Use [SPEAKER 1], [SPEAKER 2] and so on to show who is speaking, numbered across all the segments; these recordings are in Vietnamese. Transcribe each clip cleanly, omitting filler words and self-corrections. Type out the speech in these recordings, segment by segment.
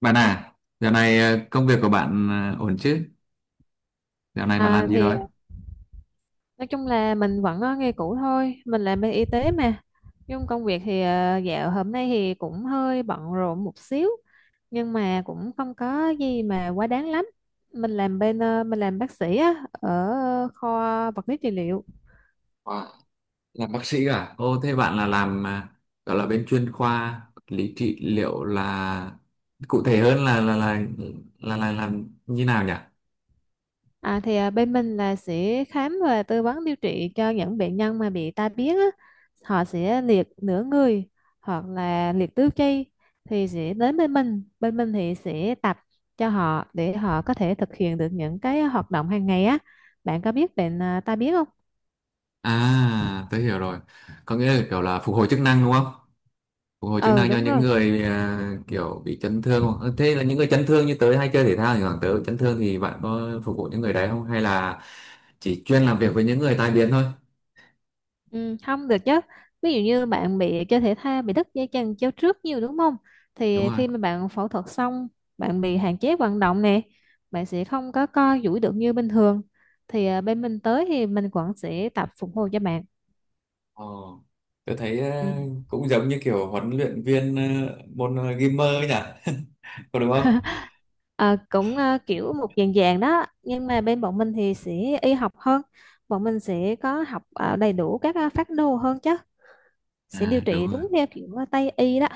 [SPEAKER 1] Bạn à, dạo này công việc của bạn ổn chứ? Dạo này bạn làm
[SPEAKER 2] À,
[SPEAKER 1] gì
[SPEAKER 2] thì
[SPEAKER 1] rồi?
[SPEAKER 2] nói chung là mình vẫn ở nghề cũ thôi, mình làm bên y tế mà. Nhưng công việc thì dạo hôm nay thì cũng hơi bận rộn một xíu, nhưng mà cũng không có gì mà quá đáng lắm. Mình làm bên mình làm bác sĩ á, ở kho vật lý trị liệu.
[SPEAKER 1] Wow, làm bác sĩ à? Ô, thế bạn là làm gọi là bên chuyên khoa lý trị liệu là cụ thể hơn là làm như nào nhỉ?
[SPEAKER 2] À, thì bên mình là sẽ khám và tư vấn điều trị cho những bệnh nhân mà bị tai biến á. Họ sẽ liệt nửa người hoặc là liệt tứ chi thì sẽ đến bên mình. Bên mình thì sẽ tập cho họ để họ có thể thực hiện được những cái hoạt động hàng ngày á. Bạn có biết bệnh tai biến không?
[SPEAKER 1] À, tôi hiểu rồi. Có nghĩa là kiểu là phục hồi chức năng đúng không? Phục hồi chức
[SPEAKER 2] Ừ,
[SPEAKER 1] năng cho
[SPEAKER 2] đúng
[SPEAKER 1] những
[SPEAKER 2] rồi.
[SPEAKER 1] người kiểu bị chấn thương. Ờ, Thế là những người chấn thương như tớ hay chơi thể thao, thì khoảng tớ bị chấn thương thì bạn có phục vụ những người đấy không? Hay là chỉ chuyên làm việc với những người tai biến thôi?
[SPEAKER 2] Ừ, không được chứ, ví dụ như bạn bị chơi thể thao bị đứt dây chằng chéo trước nhiều đúng không,
[SPEAKER 1] Đúng
[SPEAKER 2] thì
[SPEAKER 1] rồi.
[SPEAKER 2] khi mà bạn phẫu thuật xong, bạn bị hạn chế vận động nè, bạn sẽ không có co duỗi được như bình thường, thì bên mình tới thì mình vẫn sẽ tập phục hồi cho bạn.
[SPEAKER 1] Ờ, tôi thấy
[SPEAKER 2] Ừ.
[SPEAKER 1] cũng giống như kiểu huấn luyện viên môn gamer ấy nhỉ, có đúng không?
[SPEAKER 2] À, cũng kiểu một dạng dạng đó, nhưng mà bên bọn mình thì sẽ y học hơn, bọn mình sẽ có học đầy đủ các phác đồ hơn chứ, sẽ điều
[SPEAKER 1] À, đúng
[SPEAKER 2] trị
[SPEAKER 1] rồi.
[SPEAKER 2] đúng theo kiểu Tây y đó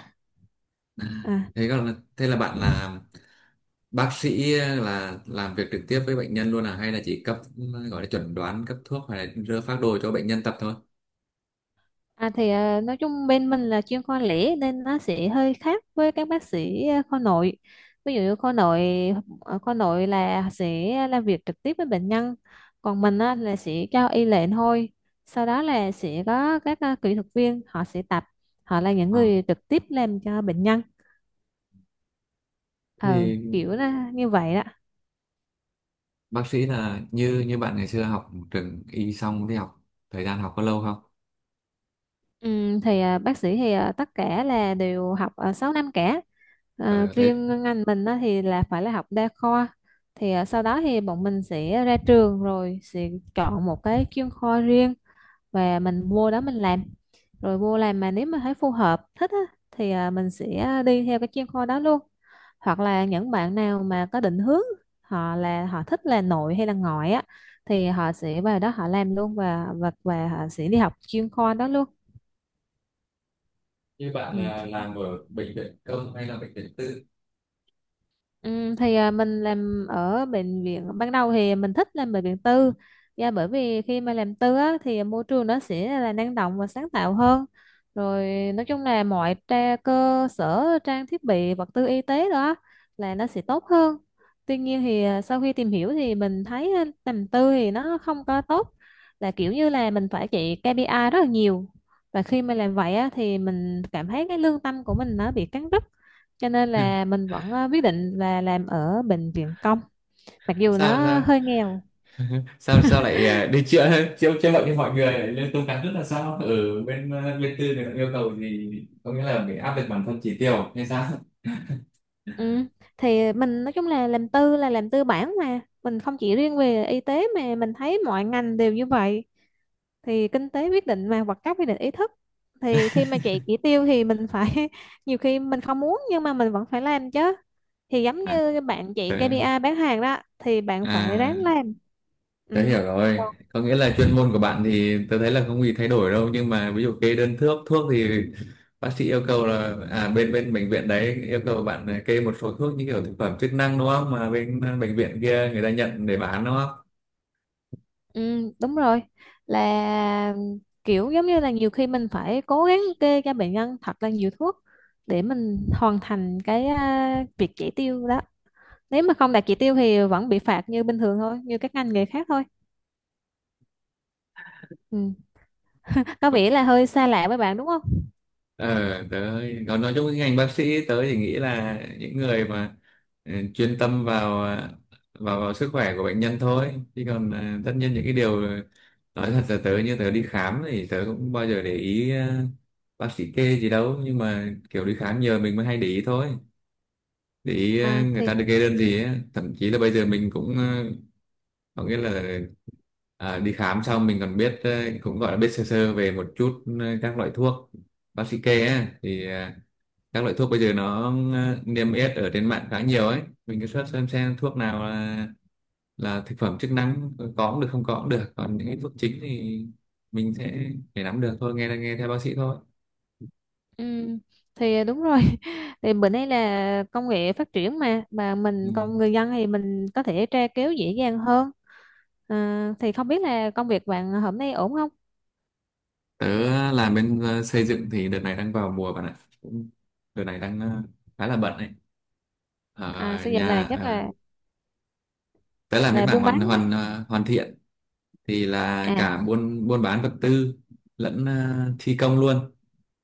[SPEAKER 2] à.
[SPEAKER 1] Thế còn, thế là bạn là bác sĩ là làm việc trực tiếp với bệnh nhân luôn à, hay là chỉ cấp, gọi là chuẩn đoán cấp thuốc, hay là đưa phác đồ cho bệnh nhân tập thôi?
[SPEAKER 2] À, thì nói chung bên mình là chuyên khoa lẻ nên nó sẽ hơi khác với các bác sĩ khoa nội. Ví dụ như khoa nội, ở khoa nội là sẽ làm việc trực tiếp với bệnh nhân, còn mình á, là sẽ cho y lệnh thôi. Sau đó là sẽ có các kỹ thuật viên họ sẽ tập, họ là những
[SPEAKER 1] Ờ,
[SPEAKER 2] người trực tiếp làm cho bệnh nhân. Ờ,
[SPEAKER 1] thì
[SPEAKER 2] kiểu là như vậy đó.
[SPEAKER 1] bác sĩ là như như bạn ngày xưa học trường y xong thì học, thời gian học có lâu không?
[SPEAKER 2] Ừ, thì bác sĩ thì tất cả là đều học 6 năm cả,
[SPEAKER 1] Ờ, Thấy
[SPEAKER 2] riêng ngành mình á, thì là phải là học đa khoa, thì sau đó thì bọn mình sẽ ra trường rồi sẽ chọn một cái chuyên khoa riêng và mình vô đó mình làm, rồi vô làm mà nếu mà thấy phù hợp thích á, thì mình sẽ đi theo cái chuyên khoa đó luôn, hoặc là những bạn nào mà có định hướng, họ là họ thích là nội hay là ngoại á, thì họ sẽ vào đó họ làm luôn và họ sẽ đi học chuyên khoa đó luôn.
[SPEAKER 1] như bạn
[SPEAKER 2] Ừ.
[SPEAKER 1] là làm ở bệnh viện công hay là bệnh viện tư?
[SPEAKER 2] Ừ, thì mình làm ở bệnh viện, ban đầu thì mình thích làm bệnh viện tư, dạ bởi vì khi mà làm tư á, thì môi trường nó sẽ là năng động và sáng tạo hơn, rồi nói chung là mọi tra, cơ sở trang thiết bị vật tư y tế đó là nó sẽ tốt hơn. Tuy nhiên thì sau khi tìm hiểu thì mình thấy làm tư thì nó không có tốt, là kiểu như là mình phải chạy KPI rất là nhiều, và khi mà làm vậy á, thì mình cảm thấy cái lương tâm của mình nó bị cắn rứt, cho nên là mình vẫn quyết định là làm ở bệnh viện công, mặc dù
[SPEAKER 1] Sao
[SPEAKER 2] nó
[SPEAKER 1] sao
[SPEAKER 2] hơi nghèo.
[SPEAKER 1] sao sao lại đi chữa chữa chữa bệnh cho mọi người lại lên tố cán, rất là sao ở bên tư thì ta yêu cầu gì, có nghĩa là phải áp lực bản thân chỉ tiêu hay sao?
[SPEAKER 2] Ừ. Thì mình nói chung là làm tư bản mà, mình không chỉ riêng về y tế mà mình thấy mọi ngành đều như vậy, thì kinh tế quyết định mà, hoặc các quyết định ý thức, thì khi mà chạy chỉ tiêu thì mình phải nhiều khi mình không muốn nhưng mà mình vẫn phải làm chứ, thì giống
[SPEAKER 1] à,
[SPEAKER 2] như bạn chạy KPI bán hàng đó thì bạn phải ráng
[SPEAKER 1] à
[SPEAKER 2] làm. Ừ.
[SPEAKER 1] tớ hiểu rồi. Có nghĩa là chuyên môn của bạn thì tớ thấy là không gì thay đổi đâu, nhưng mà ví dụ kê đơn thuốc thuốc thì bác sĩ yêu cầu là bên bên bệnh viện đấy yêu cầu bạn kê một số thuốc như kiểu thực phẩm chức năng đúng không, mà bên bệnh viện kia người ta nhận để bán đúng không?
[SPEAKER 2] Ừ, đúng rồi, là kiểu giống như là nhiều khi mình phải cố gắng kê cho bệnh nhân thật là nhiều thuốc để mình hoàn thành cái việc chỉ tiêu đó, nếu mà không đạt chỉ tiêu thì vẫn bị phạt như bình thường thôi như các ngành nghề khác thôi. Ừ. Có vẻ là hơi xa lạ với bạn đúng không?
[SPEAKER 1] Ờ tớ còn, nói chung cái ngành bác sĩ tớ thì nghĩ là những người mà chuyên tâm vào vào vào sức khỏe của bệnh nhân thôi, chứ còn tất nhiên những cái điều, nói thật là tớ, như tớ đi khám thì tớ cũng bao giờ để ý bác sĩ kê gì đâu, nhưng mà kiểu đi khám nhờ mình mới hay để ý thôi, để ý
[SPEAKER 2] À,
[SPEAKER 1] người ta
[SPEAKER 2] thì
[SPEAKER 1] được kê đơn gì á, thậm chí là bây giờ mình cũng có nghĩa là đi khám xong mình còn biết cũng gọi là biết sơ sơ về một chút các loại thuốc bác sĩ kê ấy, thì các loại thuốc bây giờ nó niêm yết ở trên mạng khá nhiều ấy, mình cứ search xem thuốc nào là thực phẩm chức năng, có cũng được không có cũng được, còn những cái thuốc chính thì mình sẽ để nắm được thôi, nghe nghe theo bác sĩ thôi.
[SPEAKER 2] Ừ, thì đúng rồi. Thì bữa nay là công nghệ phát triển mà,
[SPEAKER 1] Ừ.
[SPEAKER 2] mình con người dân thì mình có thể tra cứu dễ dàng hơn. À, thì không biết là công việc bạn hôm nay ổn không?
[SPEAKER 1] Tớ làm bên xây dựng thì đợt này đang vào mùa bạn ạ. Cũng- Đợt này đang khá là bận ấy,
[SPEAKER 2] À,
[SPEAKER 1] ở
[SPEAKER 2] xây dựng
[SPEAKER 1] nhà
[SPEAKER 2] là chắc
[SPEAKER 1] đó làm mấy
[SPEAKER 2] là
[SPEAKER 1] mảng
[SPEAKER 2] buôn
[SPEAKER 1] hoàn
[SPEAKER 2] bán
[SPEAKER 1] hoàn à, hoàn thiện, thì là
[SPEAKER 2] à.
[SPEAKER 1] cả buôn buôn bán vật tư lẫn thi công luôn,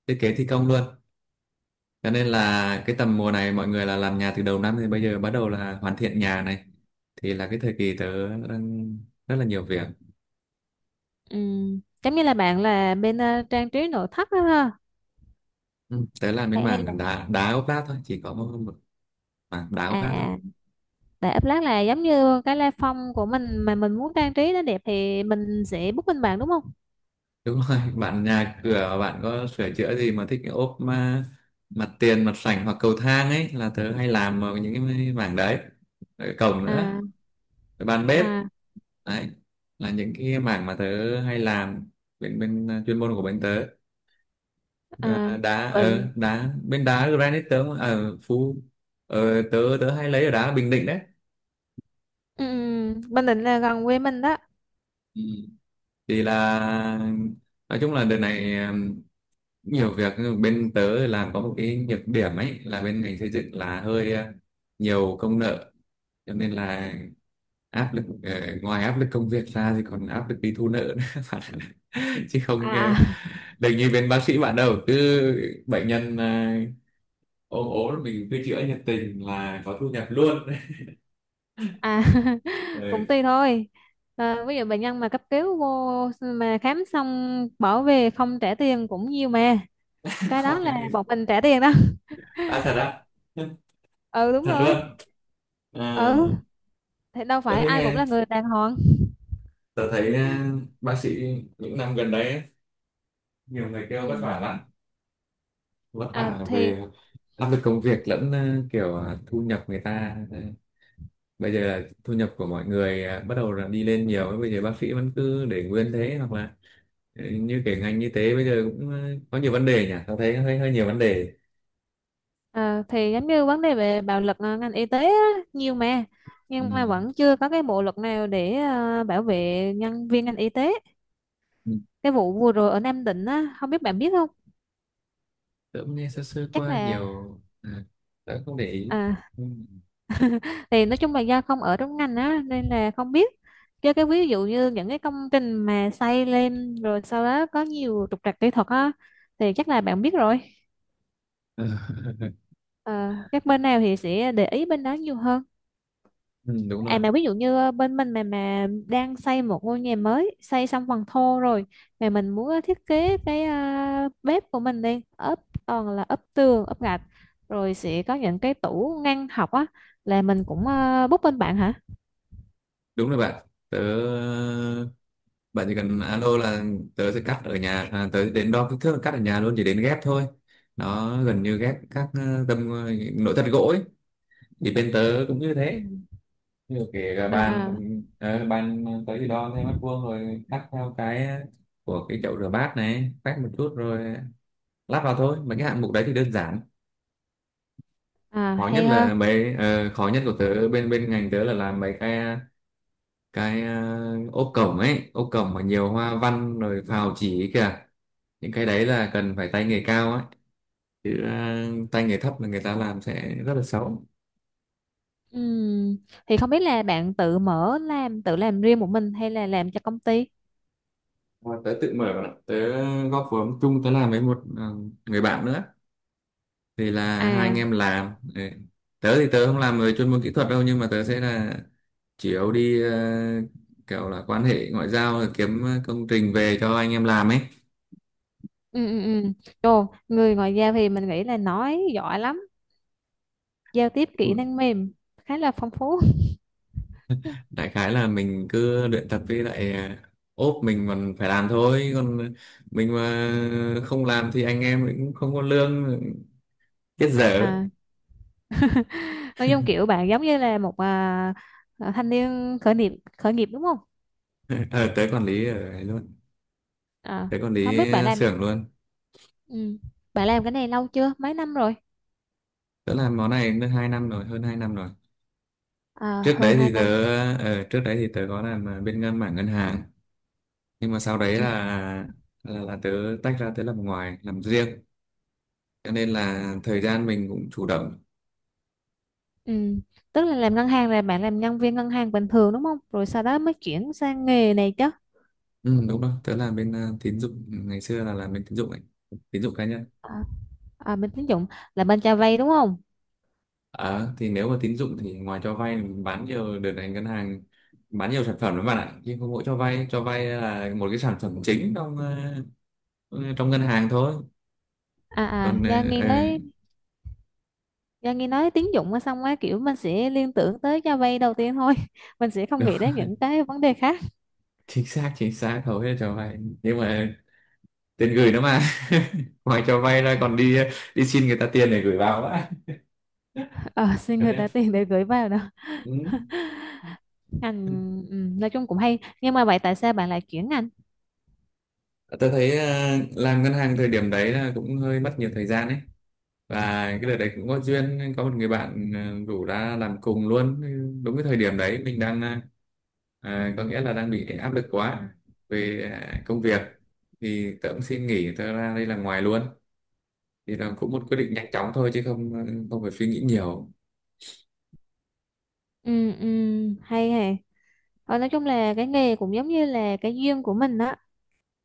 [SPEAKER 1] thiết kế thi công luôn. Cho nên là cái tầm mùa này mọi người là làm nhà từ đầu năm thì bây giờ bắt đầu là hoàn thiện nhà này, thì là cái thời kỳ tớ đang rất là nhiều việc.
[SPEAKER 2] Ừm, giống như là bạn là bên trang trí nội thất đó ha?
[SPEAKER 1] Ừ, tớ làm bên
[SPEAKER 2] Hay, hay là
[SPEAKER 1] mảng đá đá ốp lát thôi, chỉ có một mảng đá ốp
[SPEAKER 2] à
[SPEAKER 1] lát thôi.
[SPEAKER 2] à, tại ấp lát là giống như cái la phong của mình mà mình muốn trang trí nó đẹp thì mình sẽ book bên bạn đúng không?
[SPEAKER 1] Đúng rồi, bạn nhà cửa bạn có sửa chữa gì mà thích cái ốp mà mặt tiền, mặt sảnh hoặc cầu thang ấy, là tớ hay làm ở những cái mảng đấy. Ở cổng nữa,
[SPEAKER 2] à
[SPEAKER 1] rồi bàn bếp,
[SPEAKER 2] à
[SPEAKER 1] đấy là những cái mảng mà tớ hay làm bên bên à, chuyên môn của bên tớ.
[SPEAKER 2] à
[SPEAKER 1] À,
[SPEAKER 2] vậy.
[SPEAKER 1] đá bên đá granite tớ ở phú. Ờ, tớ tớ hay lấy ở đá Bình Định đấy.
[SPEAKER 2] Ừ, ừ, Bình Định là gần quê mình đó.
[SPEAKER 1] Ừ. Thì là nói chung là đợt này nhiều việc, bên tớ làm có một cái nhược điểm ấy là bên ngành xây dựng là hơi nhiều công nợ, cho nên là áp lực ngoài áp lực công việc ra thì còn áp lực đi thu nợ nữa bạn ạ. Chứ không
[SPEAKER 2] à à
[SPEAKER 1] đừng như bên bác sĩ bạn đâu, cứ bệnh nhân ốm ốm là mình cứ chữa nhiệt tình là có thu nhập luôn
[SPEAKER 2] À, cũng
[SPEAKER 1] ừ.
[SPEAKER 2] tùy thôi. Ờ, ví dụ bệnh nhân mà cấp cứu vô mà khám xong bỏ về không trả tiền cũng nhiều mà, cái đó là bọn mình trả tiền đó.
[SPEAKER 1] À, thật á?
[SPEAKER 2] Ừ, đúng
[SPEAKER 1] Thật
[SPEAKER 2] rồi.
[SPEAKER 1] luôn. Ờ,
[SPEAKER 2] Ừ, thế đâu
[SPEAKER 1] tớ
[SPEAKER 2] phải
[SPEAKER 1] thấy
[SPEAKER 2] ai cũng
[SPEAKER 1] nghe
[SPEAKER 2] là người đàng hoàng.
[SPEAKER 1] Tớ thấy bác sĩ những năm gần đấy ấy, nhiều người kêu vất
[SPEAKER 2] Ừ.
[SPEAKER 1] vả lắm, vất
[SPEAKER 2] à,
[SPEAKER 1] vả
[SPEAKER 2] thì
[SPEAKER 1] về áp lực công việc lẫn kiểu thu nhập người ta. Đấy. Bây giờ là thu nhập của mọi người bắt đầu là đi lên nhiều, bây giờ bác sĩ vẫn cứ để nguyên thế, hoặc là như cái ngành y tế bây giờ cũng có nhiều vấn đề nhỉ, tớ thấy hơi hơi nhiều vấn đề.
[SPEAKER 2] À, thì giống như vấn đề về bạo lực ngành y tế á, nhiều mà,
[SPEAKER 1] Ừ.
[SPEAKER 2] nhưng mà vẫn chưa có cái bộ luật nào để bảo vệ nhân viên ngành y tế.
[SPEAKER 1] Ừ.
[SPEAKER 2] Cái vụ vừa rồi ở Nam Định á, không biết bạn biết không?
[SPEAKER 1] Tớ cũng nghe sơ sơ
[SPEAKER 2] Chắc
[SPEAKER 1] qua
[SPEAKER 2] là
[SPEAKER 1] nhiều, à, tớ không để ý.
[SPEAKER 2] à,
[SPEAKER 1] Ừ.
[SPEAKER 2] thì nói chung là do không ở trong ngành á nên là không biết, chứ cái ví dụ như những cái công trình mà xây lên rồi sau đó có nhiều trục trặc kỹ thuật á, thì chắc là bạn biết rồi. Ờ, các bên nào thì sẽ để ý bên đó nhiều hơn.
[SPEAKER 1] Ừ,
[SPEAKER 2] À mà ví dụ như bên mình mà đang xây một ngôi nhà mới, xây xong phần thô rồi, mà mình muốn thiết kế cái bếp của mình đi, ốp toàn là ốp tường, ốp gạch, rồi sẽ có những cái tủ ngăn học á, là mình cũng book bên bạn hả?
[SPEAKER 1] đúng rồi bạn. Bạn chỉ cần alo là tớ sẽ cắt ở nhà, à, tớ đến đo kích thước là cắt ở nhà luôn, chỉ đến ghép thôi, nó gần như ghép các tấm nội thất gỗ ấy, thì bên tớ cũng như
[SPEAKER 2] Ừ.
[SPEAKER 1] thế, như kể cả
[SPEAKER 2] À
[SPEAKER 1] bàn
[SPEAKER 2] à
[SPEAKER 1] ờ, bàn tớ thì đo theo mét vuông rồi cắt theo cái của cái chậu rửa bát này, quét một chút rồi lắp vào thôi, mấy cái hạng mục đấy thì đơn giản. Khó nhất
[SPEAKER 2] Hay ha.
[SPEAKER 1] là mấy ờ, Khó nhất của tớ bên bên ngành tớ là làm mấy cái ốp cổng ấy, ốp cổng mà nhiều hoa văn rồi phào chỉ ấy kìa, những cái đấy là cần phải tay nghề cao ấy, chứ tay nghề thấp là người ta làm sẽ rất là xấu.
[SPEAKER 2] Ừm, Thì không biết là bạn tự mở làm tự làm riêng một mình hay là làm cho công ty?
[SPEAKER 1] Mà tớ tự mở bạn ạ. Tớ góp vốn chung, tớ làm với một người bạn nữa, thì là hai
[SPEAKER 2] À,
[SPEAKER 1] anh em làm đấy. Tớ thì tớ không làm về chuyên môn kỹ thuật đâu, nhưng mà tớ sẽ là chủ yếu đi kiểu là quan hệ ngoại giao kiếm công trình về cho anh em làm ấy.
[SPEAKER 2] ừ ừ ừ. Trời, người ngoại giao thì mình nghĩ là nói giỏi lắm, giao tiếp kỹ năng mềm khá là phong phú.
[SPEAKER 1] Đại khái là mình cứ luyện tập, với lại ốp mình còn phải làm thôi, còn mình mà không làm thì anh em cũng không có lương, chết dở
[SPEAKER 2] À, nói chung kiểu bạn giống như là một thanh niên khởi nghiệp, khởi nghiệp đúng không?
[SPEAKER 1] ờ, tới quản lý ở ấy luôn
[SPEAKER 2] À,
[SPEAKER 1] Tới quản
[SPEAKER 2] không
[SPEAKER 1] lý
[SPEAKER 2] biết bạn làm.
[SPEAKER 1] xưởng luôn.
[SPEAKER 2] Ừ. Bạn làm cái này lâu chưa? Mấy năm rồi?
[SPEAKER 1] Tớ làm món này được 2 năm rồi, hơn 2 năm rồi.
[SPEAKER 2] À,
[SPEAKER 1] trước
[SPEAKER 2] hơn
[SPEAKER 1] đấy
[SPEAKER 2] hai
[SPEAKER 1] thì tớ
[SPEAKER 2] năm.
[SPEAKER 1] Trước đấy thì tớ có làm bên mảng ngân hàng, nhưng mà sau đấy là
[SPEAKER 2] Ừ.
[SPEAKER 1] là, là tớ tách ra, tớ làm ngoài làm riêng, cho nên là thời gian mình cũng chủ động.
[SPEAKER 2] Ừ. Tức là làm ngân hàng là bạn làm nhân viên ngân hàng bình thường đúng không? Rồi sau đó mới chuyển sang nghề này chứ.
[SPEAKER 1] Ừ, đúng rồi, tớ làm bên tín dụng, ngày xưa là làm bên tín dụng ấy, tín dụng cá nhân.
[SPEAKER 2] À, bên tín dụng là bên cho vay đúng không?
[SPEAKER 1] Ờ, thì nếu mà tín dụng thì ngoài cho vay mình bán nhiều, đợt này ngân hàng bán nhiều sản phẩm lắm bạn ạ, nhưng không mỗi cho vay là một cái sản phẩm chính trong ngân hàng thôi.
[SPEAKER 2] À à,
[SPEAKER 1] Còn ờ,
[SPEAKER 2] do nghe nói tín dụng á, xong á kiểu mình sẽ liên tưởng tới cho vay đầu tiên thôi. Mình sẽ không
[SPEAKER 1] đúng,
[SPEAKER 2] nghĩ đến những cái vấn đề khác.
[SPEAKER 1] chính xác hầu hết cho vay, nhưng mà tiền gửi nó mà ngoài cho vay ra còn đi đi xin người ta tiền để gửi vào á.
[SPEAKER 2] Ờ, xin
[SPEAKER 1] Cho
[SPEAKER 2] người
[SPEAKER 1] nên,
[SPEAKER 2] ta tiền để gửi vào đâu.
[SPEAKER 1] Ừ.
[SPEAKER 2] Ngành ừ, nói chung cũng hay, nhưng mà vậy tại sao bạn lại chuyển ngành?
[SPEAKER 1] Tôi thấy làm ngân hàng thời điểm đấy là cũng hơi mất nhiều thời gian ấy, và cái đợt đấy cũng có duyên, có một người bạn rủ ra làm cùng luôn, đúng cái thời điểm đấy mình đang có nghĩa là đang bị áp lực quá về công việc, thì tớ cũng xin nghỉ tớ ra đây làm ngoài luôn, thì là cũng một quyết
[SPEAKER 2] ừ,
[SPEAKER 1] định nhanh chóng thôi, chứ không phải suy nghĩ nhiều.
[SPEAKER 2] ừ, ừ, Hay hay. Ờ, nói chung là cái nghề cũng giống như là cái duyên của mình đó.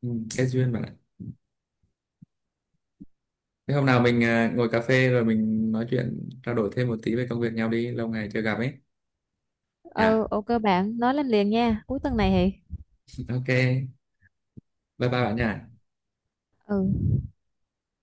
[SPEAKER 1] Ừ, cái duyên bạn ạ. Thế hôm nào mình ngồi cà phê rồi mình nói chuyện, trao đổi thêm một tí về công việc nhau, đi lâu ngày chưa gặp ấy
[SPEAKER 2] Ừ,
[SPEAKER 1] nhá.
[SPEAKER 2] ok bạn, nói lên liền nha, cuối tuần này thì
[SPEAKER 1] OK, bye bye bạn nhá.
[SPEAKER 2] ừ